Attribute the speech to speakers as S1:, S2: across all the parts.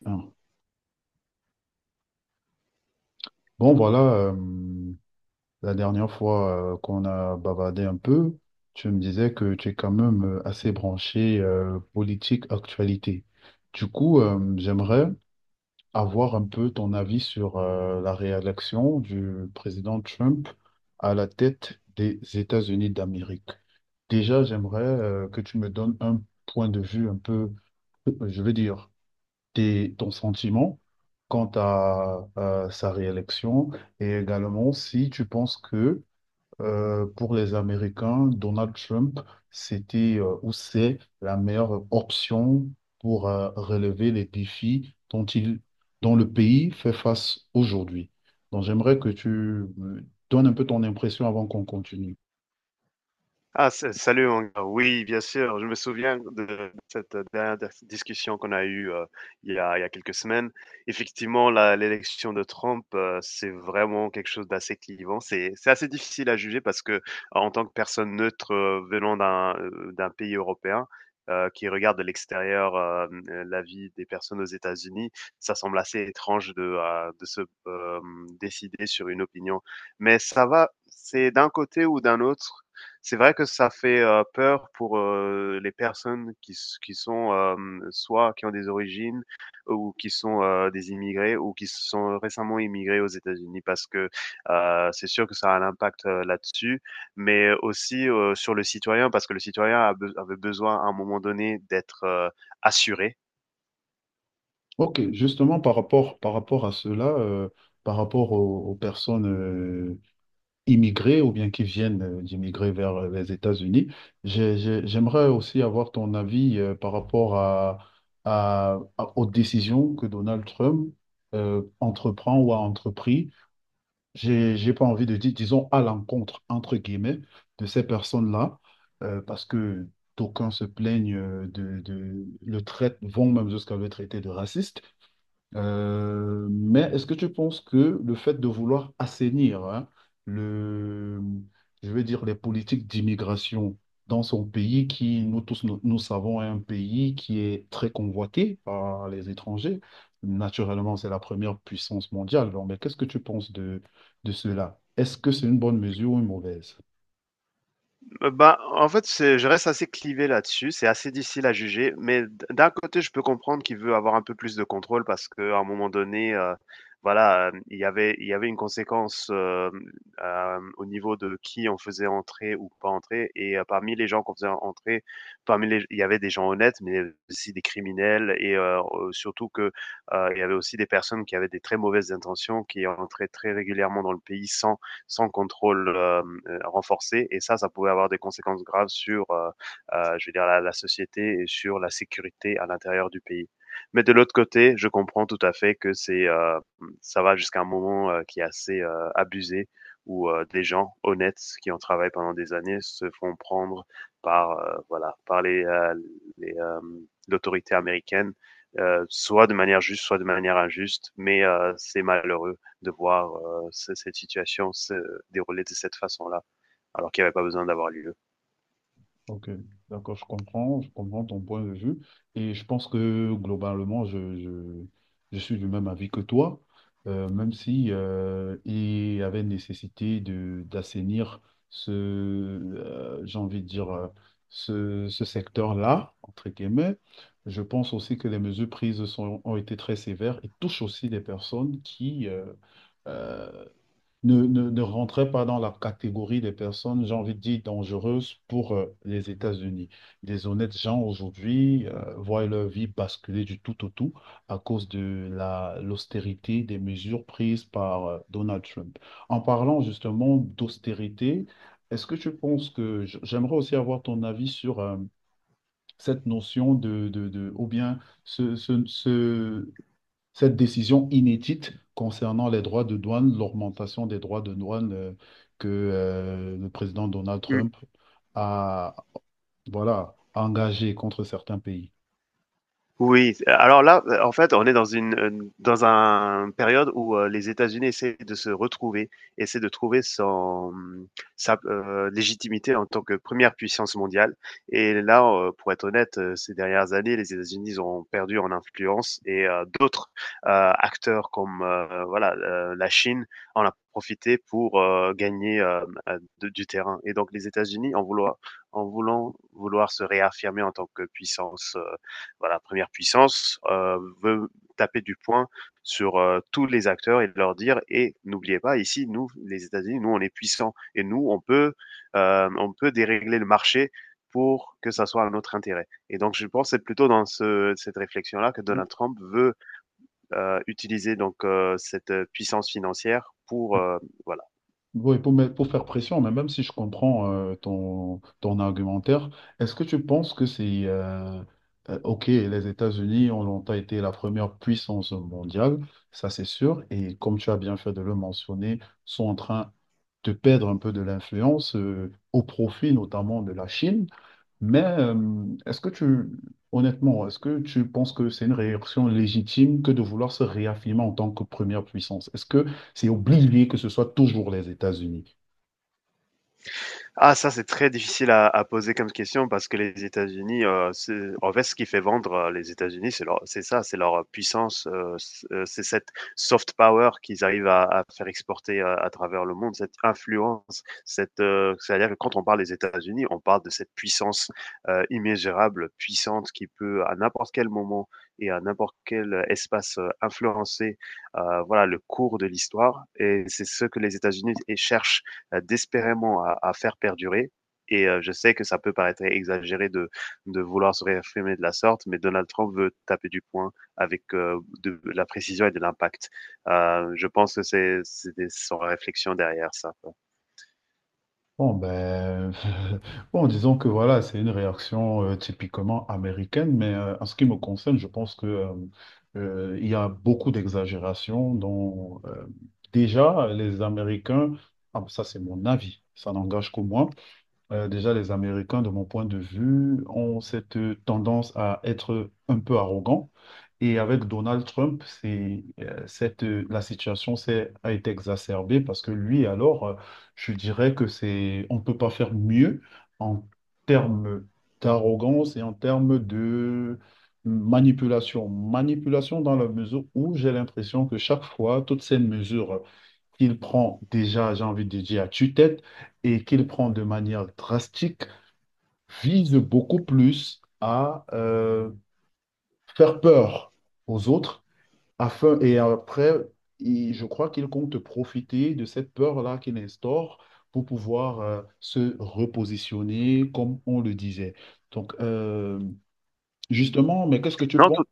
S1: Bien. Bon, voilà, la dernière fois qu'on a bavardé un peu, tu me disais que tu es quand même assez branché politique actualité. Du coup, j'aimerais avoir un peu ton avis sur la réélection du président Trump à la tête des États-Unis d'Amérique. Déjà, j'aimerais que tu me donnes un point de vue un peu, je veux dire, ton sentiment quant à, sa réélection et également si tu penses que pour les Américains, Donald Trump, c'était ou c'est la meilleure option pour relever les défis dont le pays fait face aujourd'hui. Donc j'aimerais que tu me donnes un peu ton impression avant qu'on continue.
S2: Ah, salut, mon gars. Oui, bien sûr. Je me souviens de cette dernière discussion qu'on a eue il y a quelques semaines. Effectivement, l'élection de Trump, c'est vraiment quelque chose d'assez clivant. C'est assez difficile à juger parce que, en tant que personne neutre venant d'un pays européen, qui regarde de l'extérieur la vie des personnes aux États-Unis, ça semble assez étrange de se décider sur une opinion. Mais ça va, c'est d'un côté ou d'un autre, c'est vrai que ça fait, peur pour, les personnes qui sont, soit qui ont des origines ou qui sont, des immigrés ou qui sont récemment immigrés aux États-Unis parce que, c'est sûr que ça a un impact, là-dessus, mais aussi, sur le citoyen parce que le citoyen a be avait besoin à un moment donné d'être, assuré.
S1: Ok, justement par rapport à cela, par rapport aux personnes immigrés ou bien qui viennent d'immigrer vers les États-Unis. J'aimerais aussi avoir ton avis par rapport à, aux décisions que Donald Trump entreprend ou a entrepris. J'ai pas envie de dire, disons, à l'encontre, entre guillemets, de ces personnes-là, parce que d'aucuns se plaignent de, le traite, vont même jusqu'à le traiter de raciste. Mais est-ce que tu penses que le fait de vouloir assainir, hein, le, je vais dire les politiques d'immigration dans son pays, qui nous tous, nous savons est un pays qui est très convoité par les étrangers, naturellement c'est la première puissance mondiale. Alors, mais qu'est-ce que tu penses de cela? Est-ce que c'est une bonne mesure ou une mauvaise?
S2: Bah, en fait, c'est je reste assez clivé là-dessus, c'est assez difficile à juger, mais d'un côté, je peux comprendre qu'il veut avoir un peu plus de contrôle parce qu'à un moment donné, voilà, il y avait une conséquence, au niveau de qui on faisait entrer ou pas entrer, et parmi les gens qu'on faisait entrer, parmi les il y avait des gens honnêtes, mais aussi des criminels. Et surtout que, il y avait aussi des personnes qui avaient des très mauvaises intentions, qui entraient très régulièrement dans le pays sans sans contrôle renforcé. Et ça pouvait avoir des conséquences graves sur, je veux dire, la société et sur la sécurité à l'intérieur du pays. Mais de l'autre côté, je comprends tout à fait que c'est, ça va jusqu'à un moment qui est assez abusé où des gens honnêtes qui ont travaillé pendant des années se font prendre par, voilà, par les, euh, l'autorité américaine, soit de manière juste, soit de manière injuste. Mais c'est malheureux de voir cette situation se déroulait de cette façon-là, alors qu'il n'y avait pas besoin d'avoir lieu.
S1: Ok, d'accord, je comprends ton point de vue et je pense que globalement, je suis du même avis que toi, même si il y avait nécessité de d'assainir ce, j'ai envie de dire, ce, ce secteur-là, entre guillemets. Je pense aussi que les mesures prises sont, ont été très sévères et touchent aussi des personnes qui, euh, ne rentrait pas dans la catégorie des personnes, j'ai envie de dire, dangereuses pour les États-Unis. Des honnêtes gens aujourd'hui voient leur vie basculer du tout au tout à cause de l'austérité des mesures prises par Donald Trump. En parlant justement d'austérité, est-ce que tu penses que j'aimerais aussi avoir ton avis sur cette notion de, ou bien ce, ce, ce- cette décision inédite concernant les droits de douane, l'augmentation des droits de douane que le président Donald
S2: Mmh.
S1: Trump a, voilà, engagée contre certains pays.
S2: Oui, alors là, en fait, on est dans une, dans un période où, les États-Unis essaient de se retrouver, essaient de trouver son, sa, légitimité en tant que première puissance mondiale. Et là, pour être honnête, ces dernières années, les États-Unis, ils ont perdu en influence, et d'autres, acteurs comme, voilà, la Chine en a profité pour, gagner, de du terrain. Et donc les États-Unis en voulant vouloir se réaffirmer en tant que puissance, voilà, première puissance, veut taper du poing sur tous les acteurs et de leur dire: et n'oubliez pas, ici nous les États-Unis, nous on est puissants, et nous on peut dérégler le marché pour que ça soit à notre intérêt. Et donc, je pense c'est plutôt dans cette réflexion-là que Donald Trump veut utiliser donc cette puissance financière pour voilà.
S1: Oui, pour, pour faire pression, mais même si je comprends ton, ton argumentaire, est-ce que tu penses que c'est... ok, les États-Unis ont longtemps été la première puissance mondiale, ça c'est sûr, et comme tu as bien fait de le mentionner, sont en train de perdre un peu de l'influence au profit notamment de la Chine. Mais est-ce que tu, honnêtement, est-ce que tu penses que c'est une réaction légitime que de vouloir se réaffirmer en tant que première puissance? Est-ce que c'est obligé que ce soit toujours les États-Unis?
S2: Ah, ça, c'est très difficile à poser comme question parce que les États-Unis, c'est en fait, ce qui fait vendre, les États-Unis, c'est leur c'est leur puissance, c'est cette soft power qu'ils arrivent à faire exporter, à travers le monde, cette influence, cette, c'est-à-dire que quand on parle des États-Unis, on parle de cette puissance, immesurable, puissante, qui peut à n'importe quel moment et à n'importe quel espace, influencer, voilà, le cours de l'histoire, et c'est ce que les États-Unis et cherchent désespérément à faire perdurer. Et je sais que ça peut paraître exagéré de vouloir se réaffirmer de la sorte, mais Donald Trump veut taper du poing avec de la précision et de l'impact. Je pense que son réflexion derrière ça.
S1: Bon, ben, bon, disons que voilà, c'est une réaction typiquement américaine, mais en ce qui me concerne, je pense que il y a beaucoup d'exagération dont déjà les Américains, ah, ça c'est mon avis, ça n'engage que moi. Déjà, les Américains, de mon point de vue, ont cette tendance à être un peu arrogants. Et avec Donald Trump, la situation a été exacerbée parce que lui, alors, je dirais que c'est, on ne peut pas faire mieux en termes d'arrogance et en termes de manipulation. Manipulation dans la mesure où j'ai l'impression que chaque fois, toutes ces mesures qu'il prend déjà, j'ai envie de dire, à tue-tête, et qu'il prend de manière drastique vise beaucoup plus à faire peur aux autres afin et après je crois qu'il compte profiter de cette peur-là qu'il instaure pour pouvoir se repositionner comme on le disait. Donc justement, mais qu'est-ce que tu
S2: Non.
S1: penses?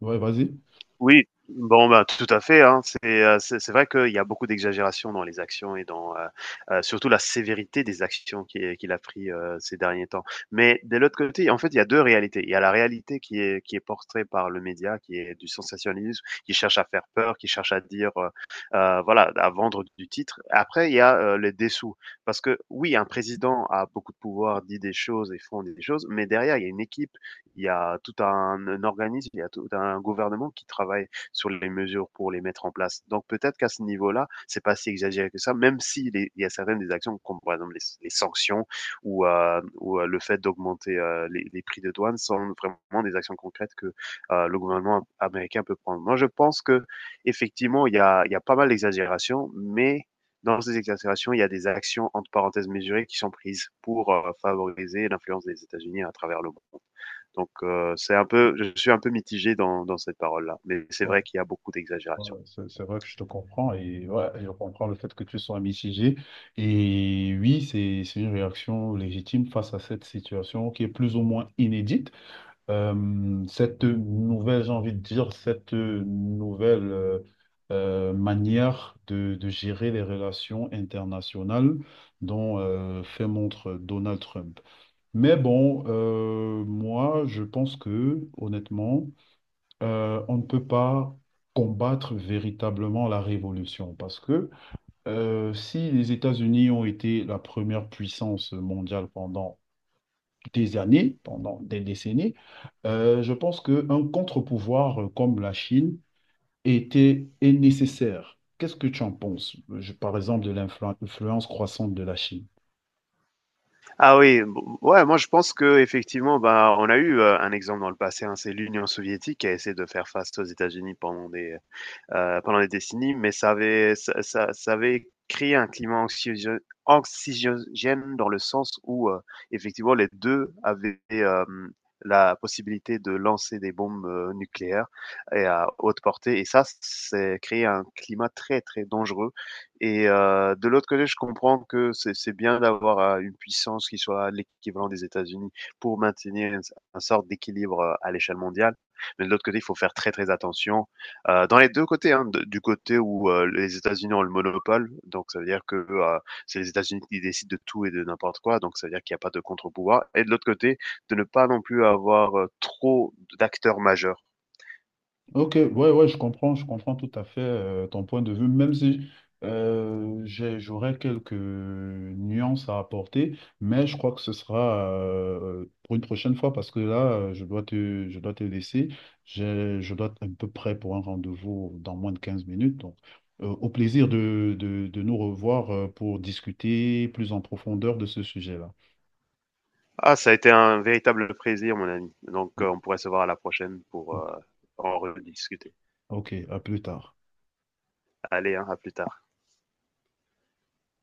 S1: Ouais, vas-y.
S2: Oui, bon, ben, tout à fait, hein. C'est vrai qu'il y a beaucoup d'exagération dans les actions et dans, surtout la sévérité des actions qui est qu'il a pris, ces derniers temps. Mais de l'autre côté, en fait, il y a 2 réalités. Il y a la réalité qui est portée par le média, qui est du sensationnalisme, qui cherche à faire peur, qui cherche à dire, voilà, à vendre du titre. Après, il y a, les dessous. Parce que oui, un président a beaucoup de pouvoir, dit des choses et font des choses, mais derrière, il y a une équipe, il y a tout un organisme, il y a tout un gouvernement qui travaille sur les mesures pour les mettre en place. Donc peut-être qu'à ce niveau-là, c'est pas si exagéré que ça, même s'il si les, il y a certaines des actions, comme par exemple les sanctions, ou, le fait d'augmenter prix de douane, sont vraiment des actions concrètes que le gouvernement américain peut prendre. Moi, je pense que effectivement, il y a pas mal d'exagérations, mais dans ces exagérations, il y a des actions entre parenthèses mesurées qui sont prises pour favoriser l'influence des États-Unis à travers le monde. Donc, c'est un peu, je suis un peu mitigé dans, dans cette parole-là, mais c'est vrai qu'il y a beaucoup d'exagération.
S1: Ouais, c'est vrai que je te comprends et ouais, je comprends le fait que tu sois mitigé. Et oui, c'est une réaction légitime face à cette situation qui est plus ou moins inédite. Cette nouvelle, j'ai envie de dire, cette nouvelle manière de gérer les relations internationales dont fait montre Donald Trump. Mais bon, moi, je pense que, honnêtement, on ne peut pas combattre véritablement la révolution parce que si les États-Unis ont été la première puissance mondiale pendant des années, pendant des décennies, je pense qu'un contre-pouvoir comme la Chine est nécessaire. Qu'est-ce que tu en penses? Par exemple, de l'influence croissante de la Chine?
S2: Ah oui, bon, ouais, moi je pense que effectivement, bah, on a eu un exemple dans le passé, hein, c'est l'Union soviétique qui a essayé de faire face aux États-Unis pendant des décennies, mais ça avait, ça avait créé un climat anxiogène, anxiogène dans le sens où effectivement les deux avaient la possibilité de lancer des bombes nucléaires et à haute portée. Et ça, c'est créé un climat très, très dangereux. Et de l'autre côté, je comprends que c'est bien d'avoir une puissance qui soit l'équivalent des États-Unis, pour maintenir une sorte d'équilibre à l'échelle mondiale. Mais de l'autre côté, il faut faire très, très attention dans les deux côtés, hein, du côté où les États-Unis ont le monopole, donc ça veut dire que c'est les États-Unis qui décident de tout et de n'importe quoi, donc ça veut dire qu'il n'y a pas de contre-pouvoir. Et de l'autre côté, de ne pas non plus avoir trop d'acteurs majeurs.
S1: Ok, ouais, je comprends tout à fait ton point de vue, même si j'aurais quelques nuances à apporter, mais je crois que ce sera pour une prochaine fois parce que là, je dois te laisser. Je dois être un peu prêt pour un rendez-vous dans moins de 15 minutes. Donc, au plaisir de, de nous revoir pour discuter plus en profondeur de ce sujet-là.
S2: Ah, ça a été un véritable plaisir, mon ami. Donc
S1: Donc,
S2: on pourrait se voir à la prochaine pour
S1: Ok,
S2: en rediscuter.
S1: ok, à plus tard.
S2: Allez, hein, à plus tard.